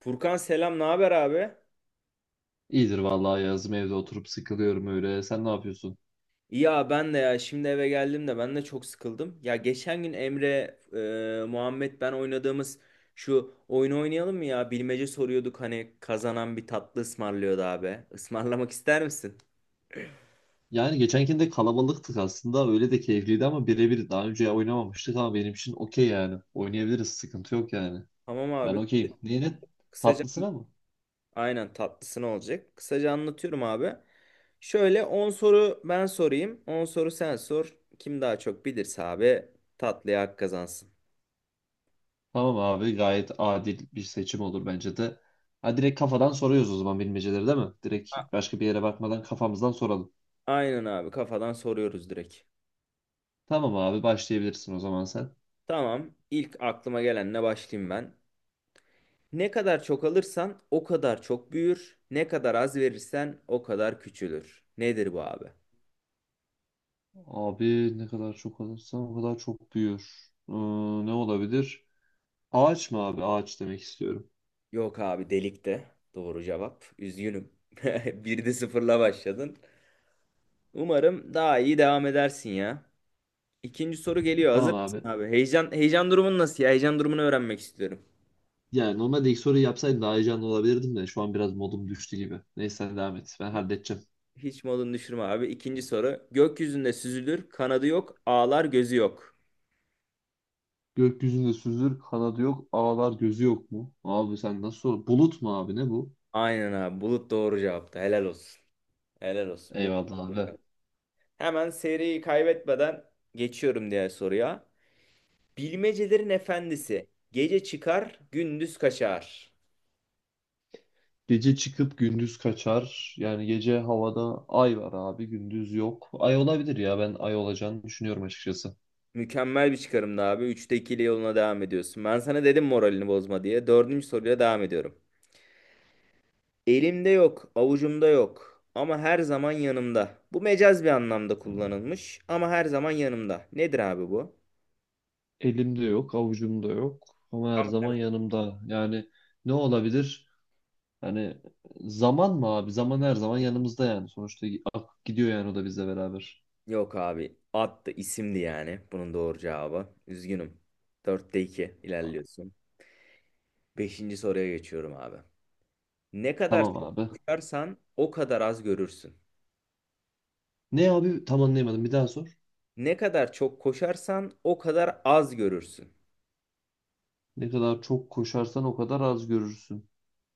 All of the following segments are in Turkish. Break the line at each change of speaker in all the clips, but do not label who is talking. Furkan, selam. Ne haber abi?
İyidir vallahi yazım evde oturup sıkılıyorum öyle. Sen ne yapıyorsun?
Ya ben de, ya şimdi eve geldim de ben de çok sıkıldım. Ya geçen gün Emre, Muhammed, ben oynadığımız şu oyunu oynayalım mı ya? Bilmece soruyorduk, hani kazanan bir tatlı ısmarlıyordu abi. Ismarlamak ister misin?
Yani geçenkinde kalabalıktık aslında. Öyle de keyifliydi ama birebir daha önce oynamamıştık ama benim için okey yani. Oynayabiliriz sıkıntı yok yani.
Tamam
Ben
abi.
okeyim. Neyine?
Kısaca,
Tatlısına mı?
aynen, tatlısı olacak. Kısaca anlatıyorum abi. Şöyle, 10 soru ben sorayım, 10 soru sen sor. Kim daha çok bilirse abi tatlıya hak kazansın.
Tamam abi gayet adil bir seçim olur bence de. Ha direkt kafadan soruyoruz o zaman bilmeceleri değil mi? Direkt
A-
başka bir yere bakmadan kafamızdan soralım.
Aynen abi, kafadan soruyoruz direkt.
Tamam abi başlayabilirsin o zaman sen.
Tamam. İlk aklıma gelenle başlayayım ben. Ne kadar çok alırsan o kadar çok büyür. Ne kadar az verirsen o kadar küçülür. Nedir bu abi?
Abi ne kadar çok alırsan o kadar çok büyür. Ne olabilir? Ağaç mı abi? Ağaç demek istiyorum.
Yok abi, delikte. Doğru cevap. Üzgünüm. Bir de sıfırla başladın. Umarım daha iyi devam edersin ya. İkinci soru geliyor.
Tamam
Hazır mısın
abi.
abi? Heyecan durumun nasıl ya? Heyecan durumunu öğrenmek istiyorum.
Yani normalde ilk soruyu yapsaydım daha heyecanlı olabilirdim de şu an biraz modum düştü gibi. Neyse sen devam et. Ben halledeceğim.
Hiç modunu düşürme abi. İkinci soru. Gökyüzünde süzülür, kanadı yok, ağlar, gözü yok.
Gökyüzünde süzülür, kanadı yok, ağlar gözü yok mu? Abi sen nasıl sor? Bulut mu abi ne bu?
Aynen abi. Bulut doğru cevaptı. Helal olsun. Helal olsun. Bu,
Eyvallah abi.
hemen seriyi kaybetmeden geçiyorum diğer soruya. Bilmecelerin efendisi. Gece çıkar, gündüz kaçar.
Gece çıkıp gündüz kaçar. Yani gece havada ay var abi, gündüz yok. Ay olabilir ya ben ay olacağını düşünüyorum açıkçası.
Mükemmel bir çıkarımdı abi. Üçte ikili yoluna devam ediyorsun. Ben sana dedim moralini bozma diye. Dördüncü soruyla devam ediyorum. Elimde yok, avucumda yok ama her zaman yanımda. Bu mecaz bir anlamda kullanılmış. Ama her zaman yanımda. Nedir abi bu?
Elimde yok, avucumda yok ama her
Ama
zaman yanımda. Yani ne olabilir? Hani zaman mı abi? Zaman her zaman yanımızda yani. Sonuçta akıp gidiyor yani o da bizle beraber.
Yok abi. Attı isimdi yani bunun doğru cevabı. Üzgünüm. Dörtte 2 ilerliyorsun. Beşinci soruya geçiyorum abi. Ne kadar
Tamam
çok
abi.
koşarsan o kadar az görürsün.
Ne abi? Tam anlayamadım. Bir daha sor.
Ne kadar çok koşarsan o kadar az görürsün.
Ne kadar çok koşarsan o kadar az görürsün.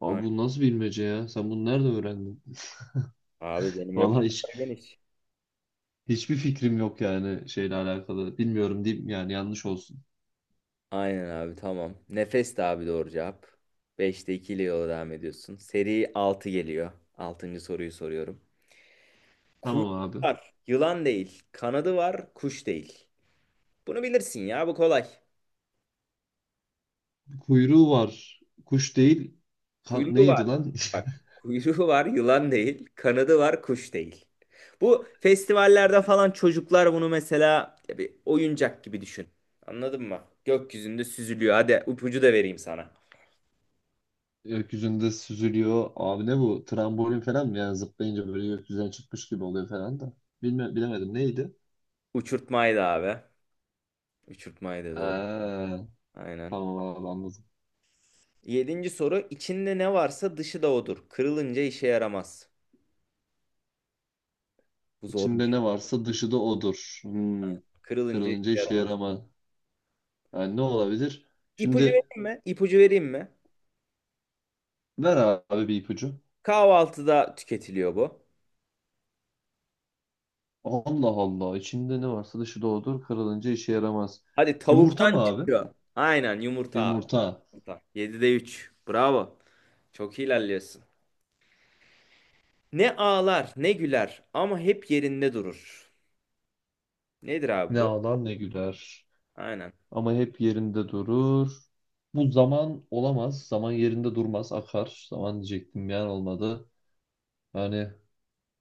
Abi
Aynen.
bu nasıl bilmece ya? Sen bunu nerede öğrendin?
Abi benim
Vallahi hiç
repertuar geniş.
hiçbir fikrim yok yani şeyle alakalı. Bilmiyorum diyeyim yani yanlış olsun.
Aynen abi, tamam. Nefes de abi, doğru cevap. Beşte 2 ile yola devam ediyorsun. Seri 6 geliyor. Altıncı soruyu soruyorum. Kuyruğu
Tamam abi.
var, yılan değil. Kanadı var, kuş değil. Bunu bilirsin ya, bu kolay.
Kuyruğu var. Kuş değil. Ka-
Kuyruğu var.
neydi lan?
Bak, kuyruğu var, yılan değil. Kanadı var, kuş değil. Bu festivallerde falan çocuklar bunu, mesela ya, bir oyuncak gibi düşün. Anladın mı? Gökyüzünde süzülüyor. Hadi ipucu da vereyim sana.
Gökyüzünde süzülüyor. Abi ne bu? Trambolin falan mı? Yani zıplayınca böyle gökyüzüne çıkmış gibi oluyor falan da. Bilme, bilemedim. Neydi?
Uçurtmaydı abi. Uçurtmaydı, doğru.
Ha,
Aynen.
tamam abi anladım.
Yedinci soru. İçinde ne varsa dışı da odur. Kırılınca işe yaramaz. Bu
İçinde
zormuş.
ne varsa dışı da odur. Hmm.
Kırılınca işe
Kırılınca işe
yaramaz.
yaramaz. Yani ne olabilir?
İpucu
Şimdi
vereyim mi? İpucu vereyim mi?
ver abi bir ipucu.
Kahvaltıda tüketiliyor bu.
Allah Allah. İçinde ne varsa dışı da odur. Kırılınca işe yaramaz.
Hadi,
Yumurta mı
tavuktan
abi?
çıkıyor. Aynen, yumurta abi.
Yumurta.
Hata. 7'de üç. Bravo. Çok iyi ilerliyorsun. Ne ağlar ne güler ama hep yerinde durur. Nedir abi
Ne
bu?
ağlar ne güler.
Aynen.
Ama hep yerinde durur. Bu zaman olamaz. Zaman yerinde durmaz, akar. Zaman diyecektim yani olmadı. Yani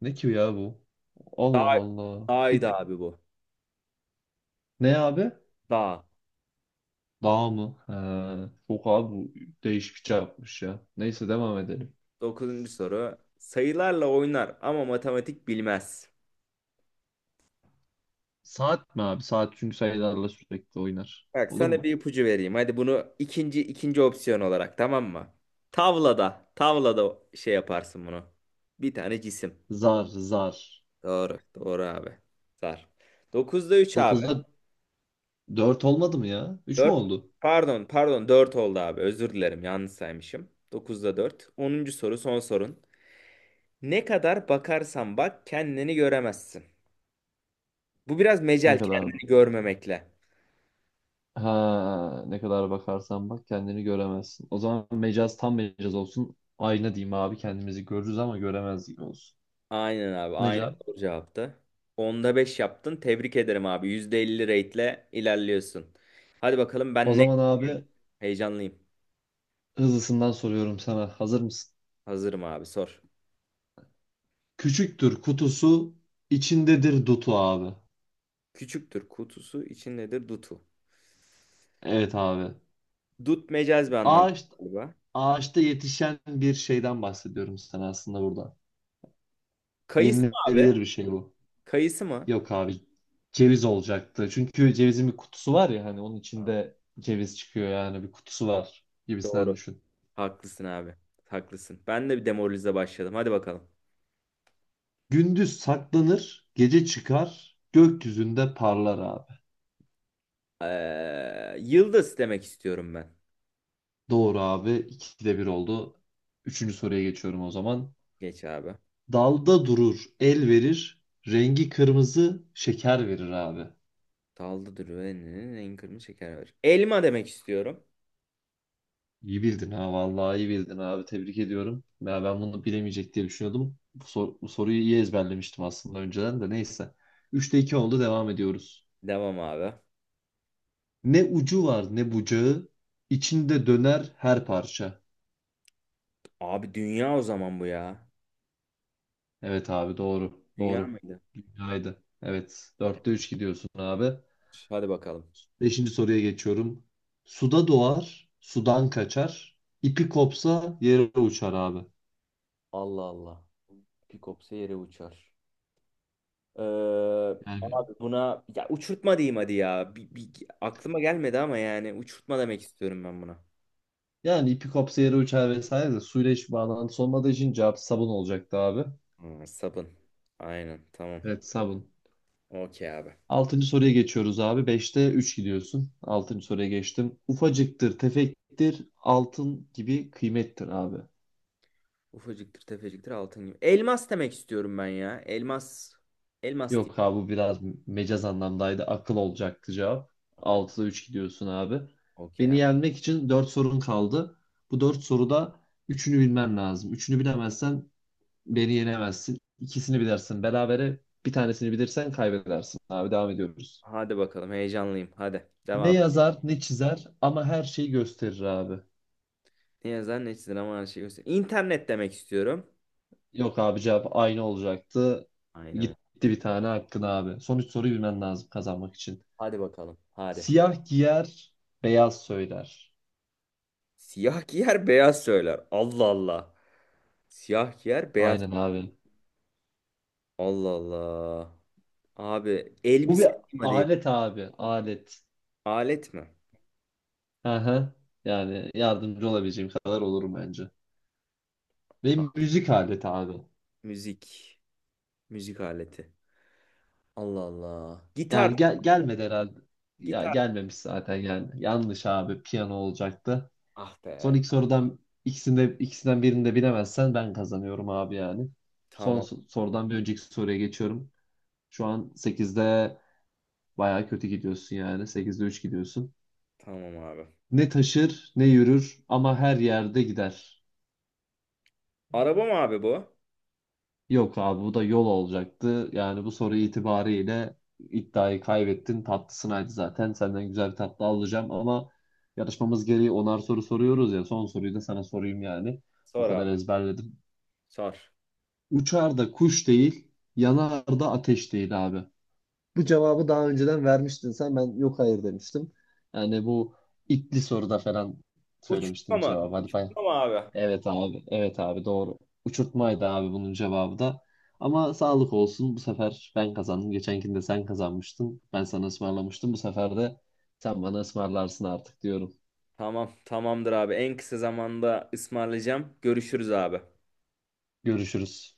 ne ki ya bu? Allah
Dağ,
Allah. Bir,
dağydı abi bu.
ne abi?
Dağ.
Dağ mı? He, çok abi bu değişik bir şey yapmış ya. Neyse devam edelim.
Dokuzuncu soru. Sayılarla oynar ama matematik bilmez.
Saat mi abi? Saat çünkü sayılarla sürekli oynar.
Bak,
Olur
sana
mu?
bir ipucu vereyim. Hadi bunu ikinci opsiyon olarak, tamam mı? Tavlada. Tavlada şey yaparsın bunu. Bir tane cisim.
Zar.
Doğru. Doğru abi. Sar. 9'da 3 abi.
Dokuzda 4 olmadı mı ya? 3 mü
4,
oldu?
Pardon, pardon, 4 oldu abi. Özür dilerim. Yanlış saymışım. Dokuzda 4. Onuncu soru, son sorun. Ne kadar bakarsan bak, kendini göremezsin. Bu biraz
Ne
mecel
kadar?
kendini görmemekle.
Ha, ne kadar bakarsan bak kendini göremezsin. O zaman mecaz tam mecaz olsun. Ayna diyeyim abi kendimizi görürüz ama göremez gibi olsun.
Aynen abi.
Ne
Aynen,
cevap?
doğru cevaptı. Onda 5 yaptın. Tebrik ederim abi. %50 rate'le ilerliyorsun. Hadi bakalım,
O
ben ne
zaman abi
heyecanlıyım.
hızlısından soruyorum sana. Hazır mısın?
Hazırım abi, sor.
Küçüktür kutusu, içindedir dutu abi.
Küçüktür kutusu, içindedir dutu.
Evet abi.
Dut mecaz bir anlam
Ağaç,
galiba.
ağaçta yetişen bir şeyden bahsediyorum sana aslında burada.
Kayısı mı abi?
Yenilebilir bir şey bu.
Kayısı mı?
Yok abi ceviz olacaktı. Çünkü cevizin bir kutusu var ya hani onun
Aa,
içinde ceviz çıkıyor yani bir kutusu var gibisinden
Doğru.
düşün.
Haklısın abi. Haklısın. Ben de bir demoralize başladım. Hadi bakalım.
Gündüz saklanır, gece çıkar, gökyüzünde parlar abi.
Yıldız demek istiyorum ben.
Doğru abi. İkide bir oldu. Üçüncü soruya geçiyorum o zaman.
Geç abi.
Dalda durur, el verir, rengi kırmızı, şeker verir abi.
Dalda duruyor. En kırmızı şeker var. Elma demek istiyorum.
İyi bildin ha vallahi iyi bildin abi tebrik ediyorum. Ya ben bunu bilemeyecek diye düşünüyordum. Bu, sor- bu soruyu iyi ezberlemiştim aslında önceden de neyse. Üçte 2 oldu devam ediyoruz.
Devam abi.
Ne ucu var ne bucağı içinde döner her parça.
Abi dünya o zaman bu ya.
Evet abi doğru
Dünya
doğru.
mıydı?
Dünyaydı. Evet dörtte 3 gidiyorsun abi.
Hadi bakalım.
Beşinci soruya geçiyorum. Suda doğar sudan kaçar. İpi kopsa yere uçar abi.
Allah Allah. Bir kopsa yere uçar. Ee,
Yani
abi buna ya uçurtma diyeyim hadi ya. Aklıma gelmedi ama yani uçurtma demek istiyorum ben buna.
Yani ipi kopsa yere uçar vesaire de suyla hiçbir bağlantısı olmadığı için cevap sabun olacaktı abi.
Hmm, sabun. Aynen, tamam.
Evet sabun.
Okey abi.
Altıncı soruya geçiyoruz abi. Beşte üç gidiyorsun. Altıncı soruya geçtim. Ufacıktır, tefektir, altın gibi kıymettir abi.
Ufacıktır, tefeciktir, altın gibi. Elmas demek istiyorum ben ya. Elmas. Elmas
Yok
diyeyim.
abi bu biraz mecaz anlamdaydı. Akıl olacaktı cevap.
Akın.
Altıda üç gidiyorsun abi.
Okey
Beni
ya.
yenmek için dört sorun kaldı. Bu dört soruda üçünü bilmen lazım. Üçünü bilemezsen beni yenemezsin. İkisini bilirsin berabere. Bir tanesini bilirsen kaybedersin abi. Devam ediyoruz.
Hadi bakalım, heyecanlıyım. Hadi devam
Ne
et.
yazar ne çizer ama her şeyi gösterir abi.
Ne yazar ne çizilir ama her şeyi göster. İnternet demek istiyorum.
Yok abi cevap aynı olacaktı.
Aynen.
Gitti bir tane hakkın abi. Son üç soruyu bilmen lazım kazanmak için.
Hadi bakalım. Hadi.
Siyah giyer, beyaz söyler.
Siyah giyer, beyaz söyler. Allah Allah. Siyah giyer, beyaz.
Aynen abi.
Allah Allah. Abi
Bu
elbise
bir
diyeyim hadi.
alet abi. Alet.
Alet mi?
Aha. Yani yardımcı olabileceğim kadar olurum bence.
Ha,
Ve müzik aleti abi.
müzik. Müzik aleti. Allah Allah.
Yani
Gitar.
gel gelmedi herhalde. Ya
Gitar.
gelmemiş zaten yani. Yanlış abi. Piyano olacaktı.
Ah
Son
be.
iki sorudan ikisinde ikisinden birini de bilemezsen ben kazanıyorum abi yani. Son
Tamam.
so- sorudan bir önceki soruya geçiyorum. Şu an sekizde baya kötü gidiyorsun yani. Sekizde 3 gidiyorsun.
Tamam abi.
Ne taşır ne yürür ama her yerde gider.
Araba mı abi bu?
Yok abi bu da yol olacaktı. Yani bu soru itibariyle iddiayı kaybettin. Tatlısınaydı zaten. Senden güzel bir tatlı alacağım ama yarışmamız gereği onar soru soruyoruz ya. Son soruyu da sana sorayım yani. O
Sor
kadar
abi.
ezberledim.
Sor.
Uçar da kuş değil, yanar da ateş değil abi. Bu cevabı daha önceden vermiştin sen. Ben yok hayır demiştim. Yani bu itli soruda falan
Uçurtma
söylemiştin
mı?
cevabı. Hadi bay
Uçurtma mı abi?
Evet abi. Evet abi doğru. Uçurtmaydı abi bunun cevabı da. Ama sağlık olsun. Bu sefer ben kazandım. Geçenkinde sen kazanmıştın. Ben sana ısmarlamıştım. Bu sefer de sen bana ısmarlarsın artık diyorum.
Tamam, tamamdır abi. En kısa zamanda ısmarlayacağım. Görüşürüz abi.
Görüşürüz.